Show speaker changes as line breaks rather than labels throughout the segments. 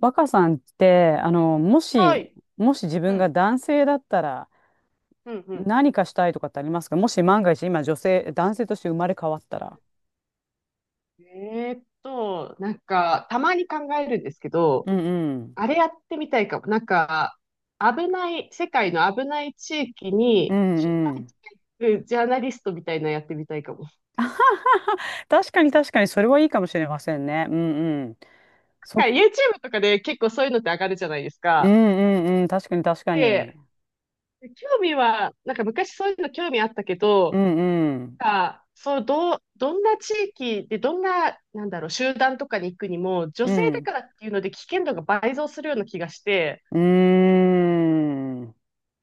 若さんって、
はい。
もし自
う
分が
ん。
男性だったら
うん、うん。
何かしたいとかってありますか？もし万が一今女性、男性として生まれ変わったら。
なんか、たまに考えるんですけど、
うんうん。
あれやってみたいかも。なんか、危ない、世界の危ない地域
う
に、取
ん
材
うん。
してくジャーナリストみたいなのやってみたいかも。
確かに確かに、それはいいかもしれませんね。うんうん。
なん
そ、
か YouTube とかで結構そういうのって上がるじゃないです
うん
か。
うんうん。確かに確かに。
で、興味は、なんか昔そういうの興味あったけ
う
ど、
んうん。
なんかそう、どんな地域で、どんな、なんだろう、集団とかに行くにも、女
う
性だか
ん。
らっていうので危険度が倍増するような気がして、
うーん。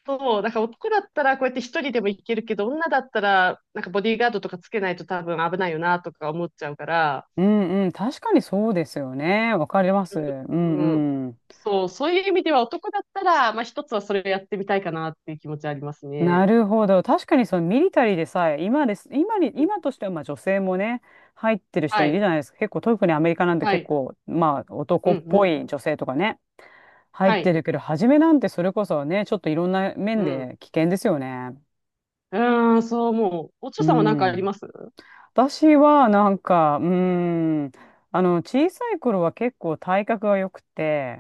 そう、だから男だったらこうやって一人でも行けるけど、女だったら、なんかボディーガードとかつけないと多分危ないよなとか思っちゃうから、
うんうん。確かにそうですよね。わかります。う
うん、
んうん。
そう、そういう意味では男だったら、まあ一つはそれをやってみたいかなっていう気持ちはあります
な
ね。
るほど。確かにそのミリタリーでさえ、今です、今に、
う
今
ん
としてはまあ女性もね、入ってる人
は
いる
い、
じゃないですか。結構、特にアメリカなんて
は
結
い、
構、まあ
う
男
ん、
っ
う
ぽ
ん、
い女性とかね、入っ
は
て
い、
るけど、初めなんてそれこそね、ちょっといろんな
う
面
ん。
で危険ですよね。
うーん、そう思う。おち
う
ょさんは何かあり
ん。
ます？
私はなんか、うん、小さい頃は結構体格が良くて、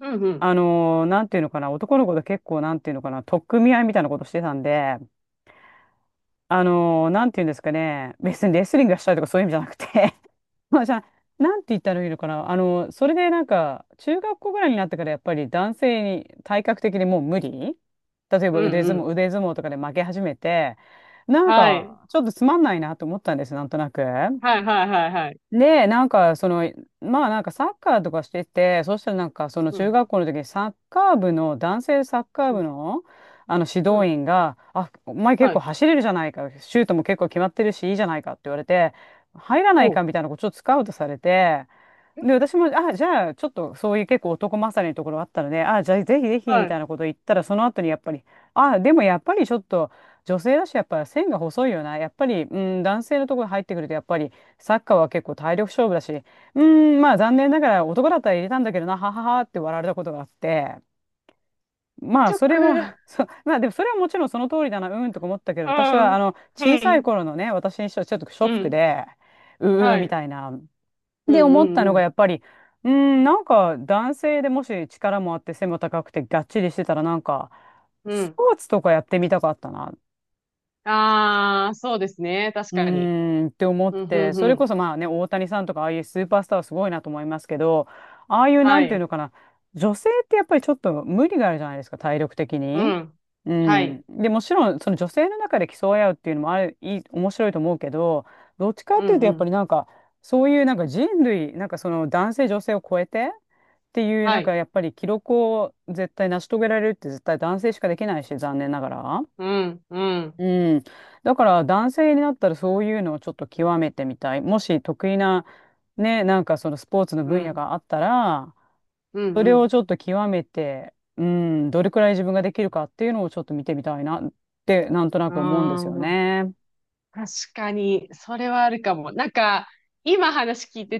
うん、うん、
なんていうのかな、男の子と結構なんていうのかな、取っ組み合いみたいなことしてたんで、なんて言うんですかね、別にレスリングがしたいとかそういう意味じゃなくて。 まあじゃあ、なんて言ったらいいのかな、それでなんか、中学校ぐらいになってからやっぱり男性に体格的にもう無理。例えば
うん、
腕
う
相撲、
ん。
腕相撲とかで負け始めて、なん
はい、
か、ちょっとつまんないなと思ったんです、なんとなく。
はい、はい、はい、はい。
で、なんか、まあなんかサッカーとかしてて、そしたらなんかその
う
中
ん、
学校の時にサッカー部の、男性サッカー
う
部
ん、
の、あの指
う
導
ん、
員が、あ、お前結
は
構
い。
走れるじゃないか、シュートも結構決まってるし、いいじゃないかって言われて、入らない
お、
かみたいなことをスカウトされて、で、私も、あ、じゃあ、ちょっとそういう結構男勝りのところあったので、あ、じゃあ、ぜひぜひ、み
は
た
い。
いなこと言ったら、その後にやっぱり、あ、でもやっぱりちょっと、女性だし、やっぱり線が細いよな。やっぱり、うん、男性のところに入ってくると、やっぱり、サッカーは結構体力勝負だし、うん、まあ、残念ながら男だったら入れたんだけどな、はははって笑われたことがあって、まあ、
チョッ
それ
ク、う
は そう、まあ、でもそれはもちろんその通りだな、うんとか思ったけど、私
ん、
は、
う
小さい
ん、
頃のね、私にしてはちょっとショ
う
ック
ん。
で、うー
は
み
い。
たいな。
う
で、
んう
思っ
ん
た
う
のが
ん。
やっぱり、うーん、なんか男性でもし力もあって背も高くてがっちりしてたらなんか、
う
ス
ん。
ポーツとかやってみたかったな。
ああ、そうですね。確
う
かに。
ーんって思っ
うん、う
て、
ん、う
それこ
ん。
そまあね、大谷さんとかああいうスーパースターはすごいなと思いますけど、ああいうな
は
んていう
い。
のかな、女性ってやっぱりちょっと無理があるじゃないですか、体力的
う
に。
ん。
う
は
ん。
い。
で、もちろんその女性の中で競い合うっていうのもある、いい、面白いと思うけど、どっちか
う
っていう
ん、
と
う
やっぱり
ん。
なんか、そういうなんか人類、なんかその男性女性を超えて、っていう
は
なんか
い。
やっぱり記録を絶対成し遂げられるって絶対男性しかできないし残念ながら。
うん、うん、
うん。だから男性になったらそういうのをちょっと極めてみたい。もし得意な、ね、なんかそのスポーツの
う
分野
ん、
があったら、
う
それを
ん、
ちょっと極めて、うん、どれくらい自分ができるかっていうのをちょっと見てみたいなって、なんとな
う
く思うんですよ
ん。あ
ね。
あ、確かに、それはあるかも。なんか、今話聞いて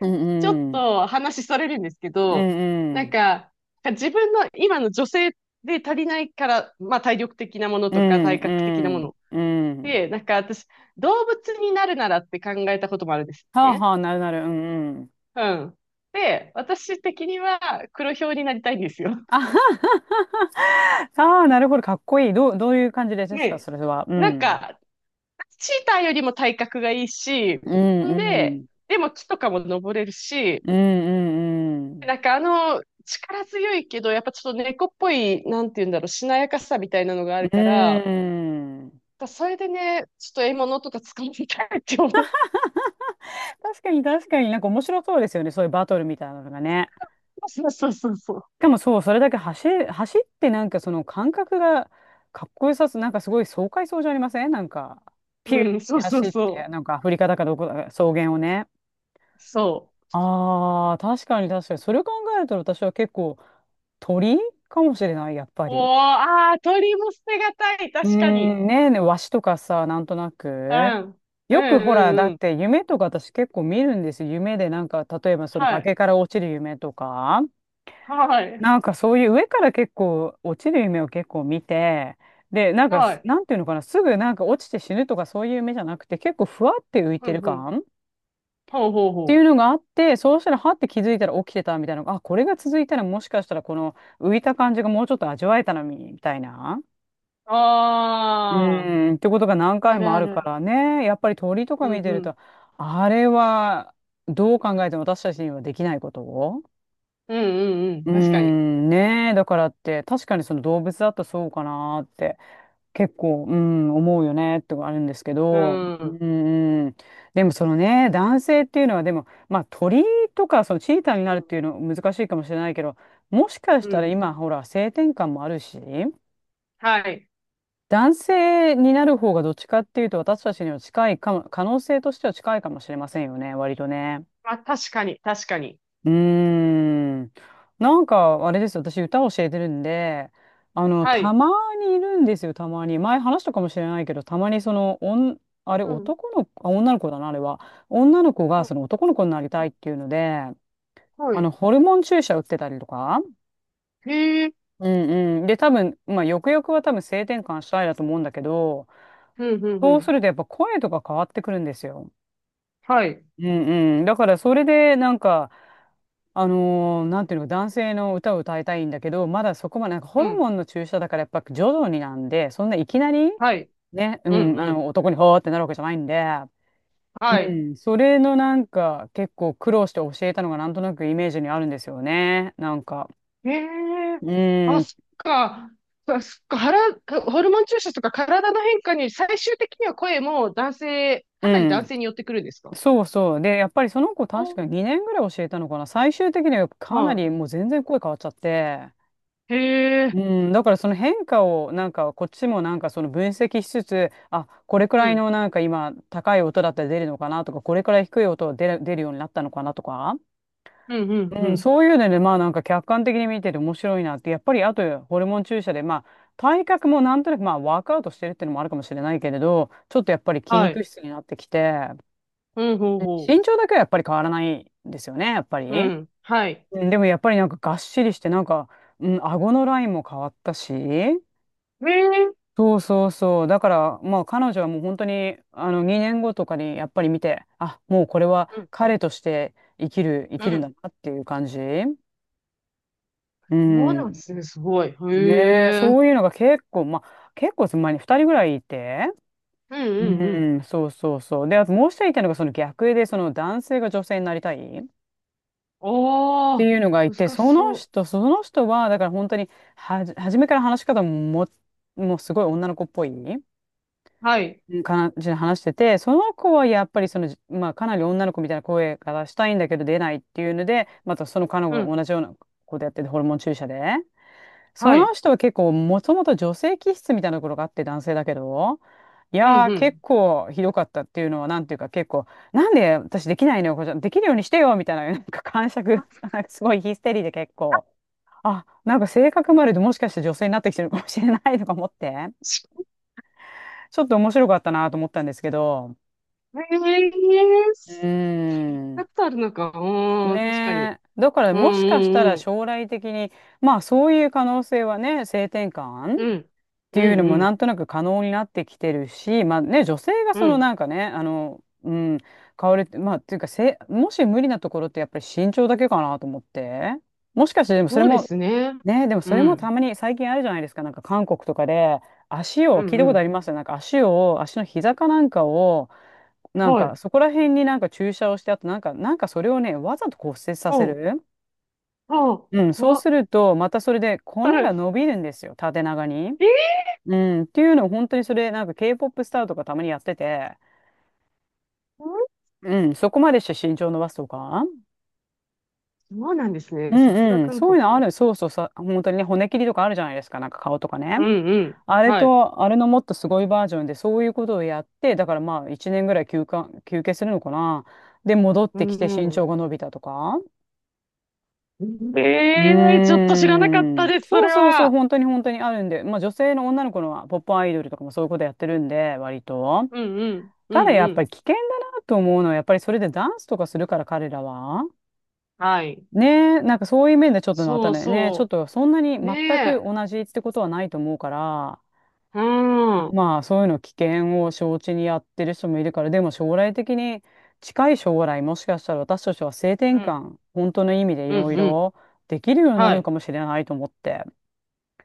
う
ちょっ
んうん。
と話それるんですけ
う
ど、
んう
なん
ん。
か、自分の今の女性で足りないから、まあ体力的なもの
う
とか
ん
体格的なも
うん。
の
うん。
で、なんか私、動物になるならって考えたこともあるんです
はあ
ね。
はあ、なるなる。うんうん。
うん。で、私的には黒豹になりたいんですよ。
あはははは。ああ、なるほど。かっこいい。どういう感じで すか、
ね。
それは。う
なん
ん。
か、チーターよりも体格がいいし、
う
ん
んう
で、
ん。
でも木とかも登れるし、
うんうん
なんかあの、力強いけど、やっぱちょっと猫っぽい、なんて言うんだろう、しなやかさみたいなのがある
うん。
から、
うん。
それでね、ちょっと獲物とか掴みたいって思う。
確かに確かになんか面白そうですよね。そういうバトルみたいなのがね。
そうそうそうそう。
しかもそう、それだけ走ってなんかその感覚がかっこよさすなんかすごい爽快そうじゃありません？なんか、ピューっ
うん、そ
て
うそう
走っ
そ
て、
う。
なんかアフリカだかどこだか草原をね。
そう。
ああ、確かに確かに。それを考えると私は結構鳥かもしれない、やっぱ
お
り。
ー、ああ、鳥も捨てがたい。
うー
確かに。
ん、ねえねえ、ワシとかさ、なんとな
う
く。
ん。う
よく
ん
ほら、だ
うん
っ
うん。
て夢とか私結構見るんですよ。夢でなんか、例えばその
は
崖
い。
から落ちる夢とか、
はい。
なんかそういう上から結構落ちる夢を結構見て、で、なんか、
はい。
なんていうのかな、すぐなんか落ちて死ぬとかそういう夢じゃなくて、結構ふわって浮い
う
てる
んうん。
感っ
ほうほう
てい
ほ
う
う。
のがあって、そうしたらはって気づいたら起きてたみたいな、あ、これが続いたらもしかしたらこの浮いた感じがもうちょっと味わえたのに、みたいな。う
ああ、
ーん、ってことが何
あ
回
る
もあ
あ
るか
る。
らね。やっぱり鳥とか
う
見
ん
て
う
る
ん。
と、あれはどう考えても私たちにはできないことを。
うんうんうん。
うー
確かに。
ん、ねえ、だからって、確かにその動物だとそうかなーって、結構、うん、思うよねってあるんですけ
う
ど、
ん。
う
う
ん、うん、でもそのね、男性っていうのは、でも、まあ鳥とか、そのチーターになるっ
ん。
ていうの難しいかもしれないけど、もしかし
う
たら
ん。
今、ほら、性転換もあるし、
はい。
男性になる方がどっちかっていうと私たちには近いかも、可能性としては近いかもしれませんよね、割とね。
あ、確かに。確かに。
うーん。なんか、あれですよ、私歌を教えてるんで、
は
た
い。
まにいるんですよ、たまに。前話したかもしれないけど、たまにその、あれ、
うん。
男の子、あ、女の子だな、あれは。女の子が
うん
その男の子になりたいっていうので、
はい。
ホルモン注射打ってたりとか。
へえ。
うんうん。で、多分、まあ、よくよくは多分性転換したいだと思うんだけど、
うんうんう
そう
ん。
するとやっぱ声とか変わってくるんですよ。
はい。
うんうん。だからそれでなんか、なんていうのか、男性の歌を歌いたいんだけど、まだそこまで、なんかホ
う
ル
ん。
モンの注射だからやっぱ徐々になんで、そんないきなり、
はい。
ね、う
うん
ん、
うん。
男にほーってなるわけじゃないんで、う
はい。
ん、それのなんか結構苦労して教えたのがなんとなくイメージにあるんですよね。なんか、
ええ
う
あ、
ん、
そっか。そそっか、ホルモン注射とか体の変化に最終的には声も男性、
う
かなり男
ん。
性に寄ってくるんですか？
そうそう。で、やっぱりその子確
お、
かに2年ぐらい教えたのかな。最終的にはかな
は
りもう全然声変わっちゃって、
い。へえ、
うだからその変化をなんかこっちもなんかその分析しつつ、あ、これく
う
らい
ん、
のなんか今高い音だったら出るのかなとか、これくらい低い音が出るようになったのかなとか、
うん、うん、う
うん、
ん。
そういうのでまあなんか客観的に見てて面白いなって。やっぱりあとホルモン注射でまあ体格もなんとなく、まあワークアウトしてるっていうのもあるかもしれないけれど、ちょっとやっぱり筋
は
肉
い。
質になってきて、
うん、ほうほ
身長だけはやっぱり変わらないんですよね、やっぱり。
う。うん、はい。
うん、でもやっぱりなんかがっしりして顎のラインも変わったし。
へえ、
そうそうそう。だから、まあ彼女はもう本当に、2年後とかにやっぱり見て、あ、もうこれは
うん、
彼として生きる、生
う
きるんだ
ん。
なっていう感じ。う
そうなん
ん。
ですね、すごい。
ねえ、
へえ、うん、
そういうのが結構、まあ結構前に2人ぐらいいて。
う
う
ん、うん。
ん、そうそうそう。で、あともう一人いたのがその逆で、その男性が女性になりたいっ
お
て
ー、
いうのがいて、
難し
その
そう。
人、その人は、だから本当に初めから話し方も、もうすごい女の子っぽい。
はい、
うん、感じで話してて、その子はやっぱりその、まあ、かなり女の子みたいな声がしたいんだけど出ないっていうので、またその彼
う
女も
ん、
同じようなことやってて、ホルモン注射で。そ
はい、
の人は結構、もともと女性気質みたいなところがあって、男性だけど、い
うん、
やー、
う
結
ん。
構ひどかったっていうのは、なんていうか、結構、なんで私できないのよ、これできるようにしてよみたいな、なんか感触、
あ
なんか すごいヒステリーで結構、あ、なんか性格まででもしかして女性になってきてるかもしれないとか思って、ちょっと面白かったなと思ったんですけど、
へえ、
うー
2
ん。
つあるのか。うーん、確かに。
ねえ。だから
う
もしかした
ん
ら
うん
将来的に、まあそういう可能性はね、性転換っ
うん。
て
う
い
ん。
うの
う
も
んう
な
ん
んとなく可能になってきてるし、まあね、女性が
う
その
ん。
なんかね、変わるって、まあっていうかせ、もし無理なところってやっぱり身長だけかなと思って。もしかしてでもそれ
そうで
も、
すね。
ね、でも
う
それもた
ん。
まに最近あるじゃないですか、なんか韓国とかで足
う
を、聞
ん
いた
う
ことあ
ん。
りますよ、なんか足を、足の膝かなんかを、なん
は
か、
い。
そこら辺になんか注射をして、あとなんか、なんかそれをね、わざと骨折さ
ほ
せ
う。
る。
ほう。
うん、そう
怖っ。
すると、またそれで 骨
は
が
い。
伸びるんですよ、縦長に。
えー、
うん、っていうのを本当に、それ、なんか K-POP スターとかたまにやってて、
うん
うん、そこまでして身長伸ばすとか。
そうなんです
う
ね。さすが
んうん、
韓
そういうのあ
国。
る。そうそう、さ、本当にね、骨切りとかあるじゃないですか、なんか顔とかね。
うんうん。
あれ
はい。
と、あれのもっとすごいバージョンで、そういうことをやって、だからまあ、1年ぐらい休憩するのかな。で、戻っ
う
てきて身
ん
長
う
が伸びたとか。
ん。
う
ええーちょっと知らなかっ
ー
た
ん。
です、そ
そう
れ
そうそう、
は。
本当に本当にあるんで、まあ女性の女の子のはポップアイドルとかもそういうことやってるんで、割と。
うんうん。う
ただ
ん
や
う
っぱり
ん。
危険だなと思うのは、やっぱりそれでダンスとかするから彼らは。
はい。
ねえ、なんかそういう面でちょっとまた
そう
ね、ねえちょっ
そ
とそんなに
う。ね
全く
え。
同じってことはないと思うから、
うん。うん。
まあそういうの危険を承知にやってる人もいるから、でも将来的に近い将来もしかしたら私たちは性転
うん
換、本当の意味でい
う
ろい
ん。
ろできるようになる
は
の
い。
かもしれないと思って。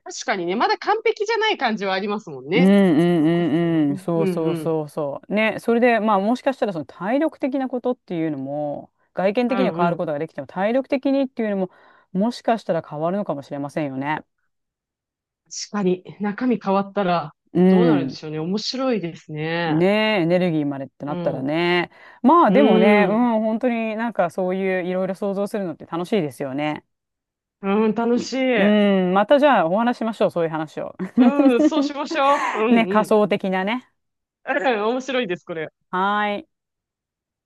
確かにね、まだ完璧じゃない感じはありますもん
うんう
ね。
ん
残ってるも
う
ん
んうん。
ね。う
そ
ん
う
う
そう
ん。
そうそう。ね。それで、まあもしかしたらその体力的なことっていうのも、外見
う
的には
ん
変
う
わるこ
ん。
とができても、体力的にっていうのも、もしかしたら変わるのかもしれませんよね。
確かに、中身変わったら
う
どうなるんで
ん。
しょうね。面白いですね。
ねえ、エネルギーまでってな
う
ったら
ん。
ね。まあでも
う
ね、うん、
ん。
本当になんかそういういろいろ想像するのって楽しいですよね。
うん、楽し
う
い。
ん、またじゃあお話ししましょう、そういう話を。
うん、そうしましょう。うん
ね、
う
仮
ん。
想的なね。
面白いです、これ。
はーい。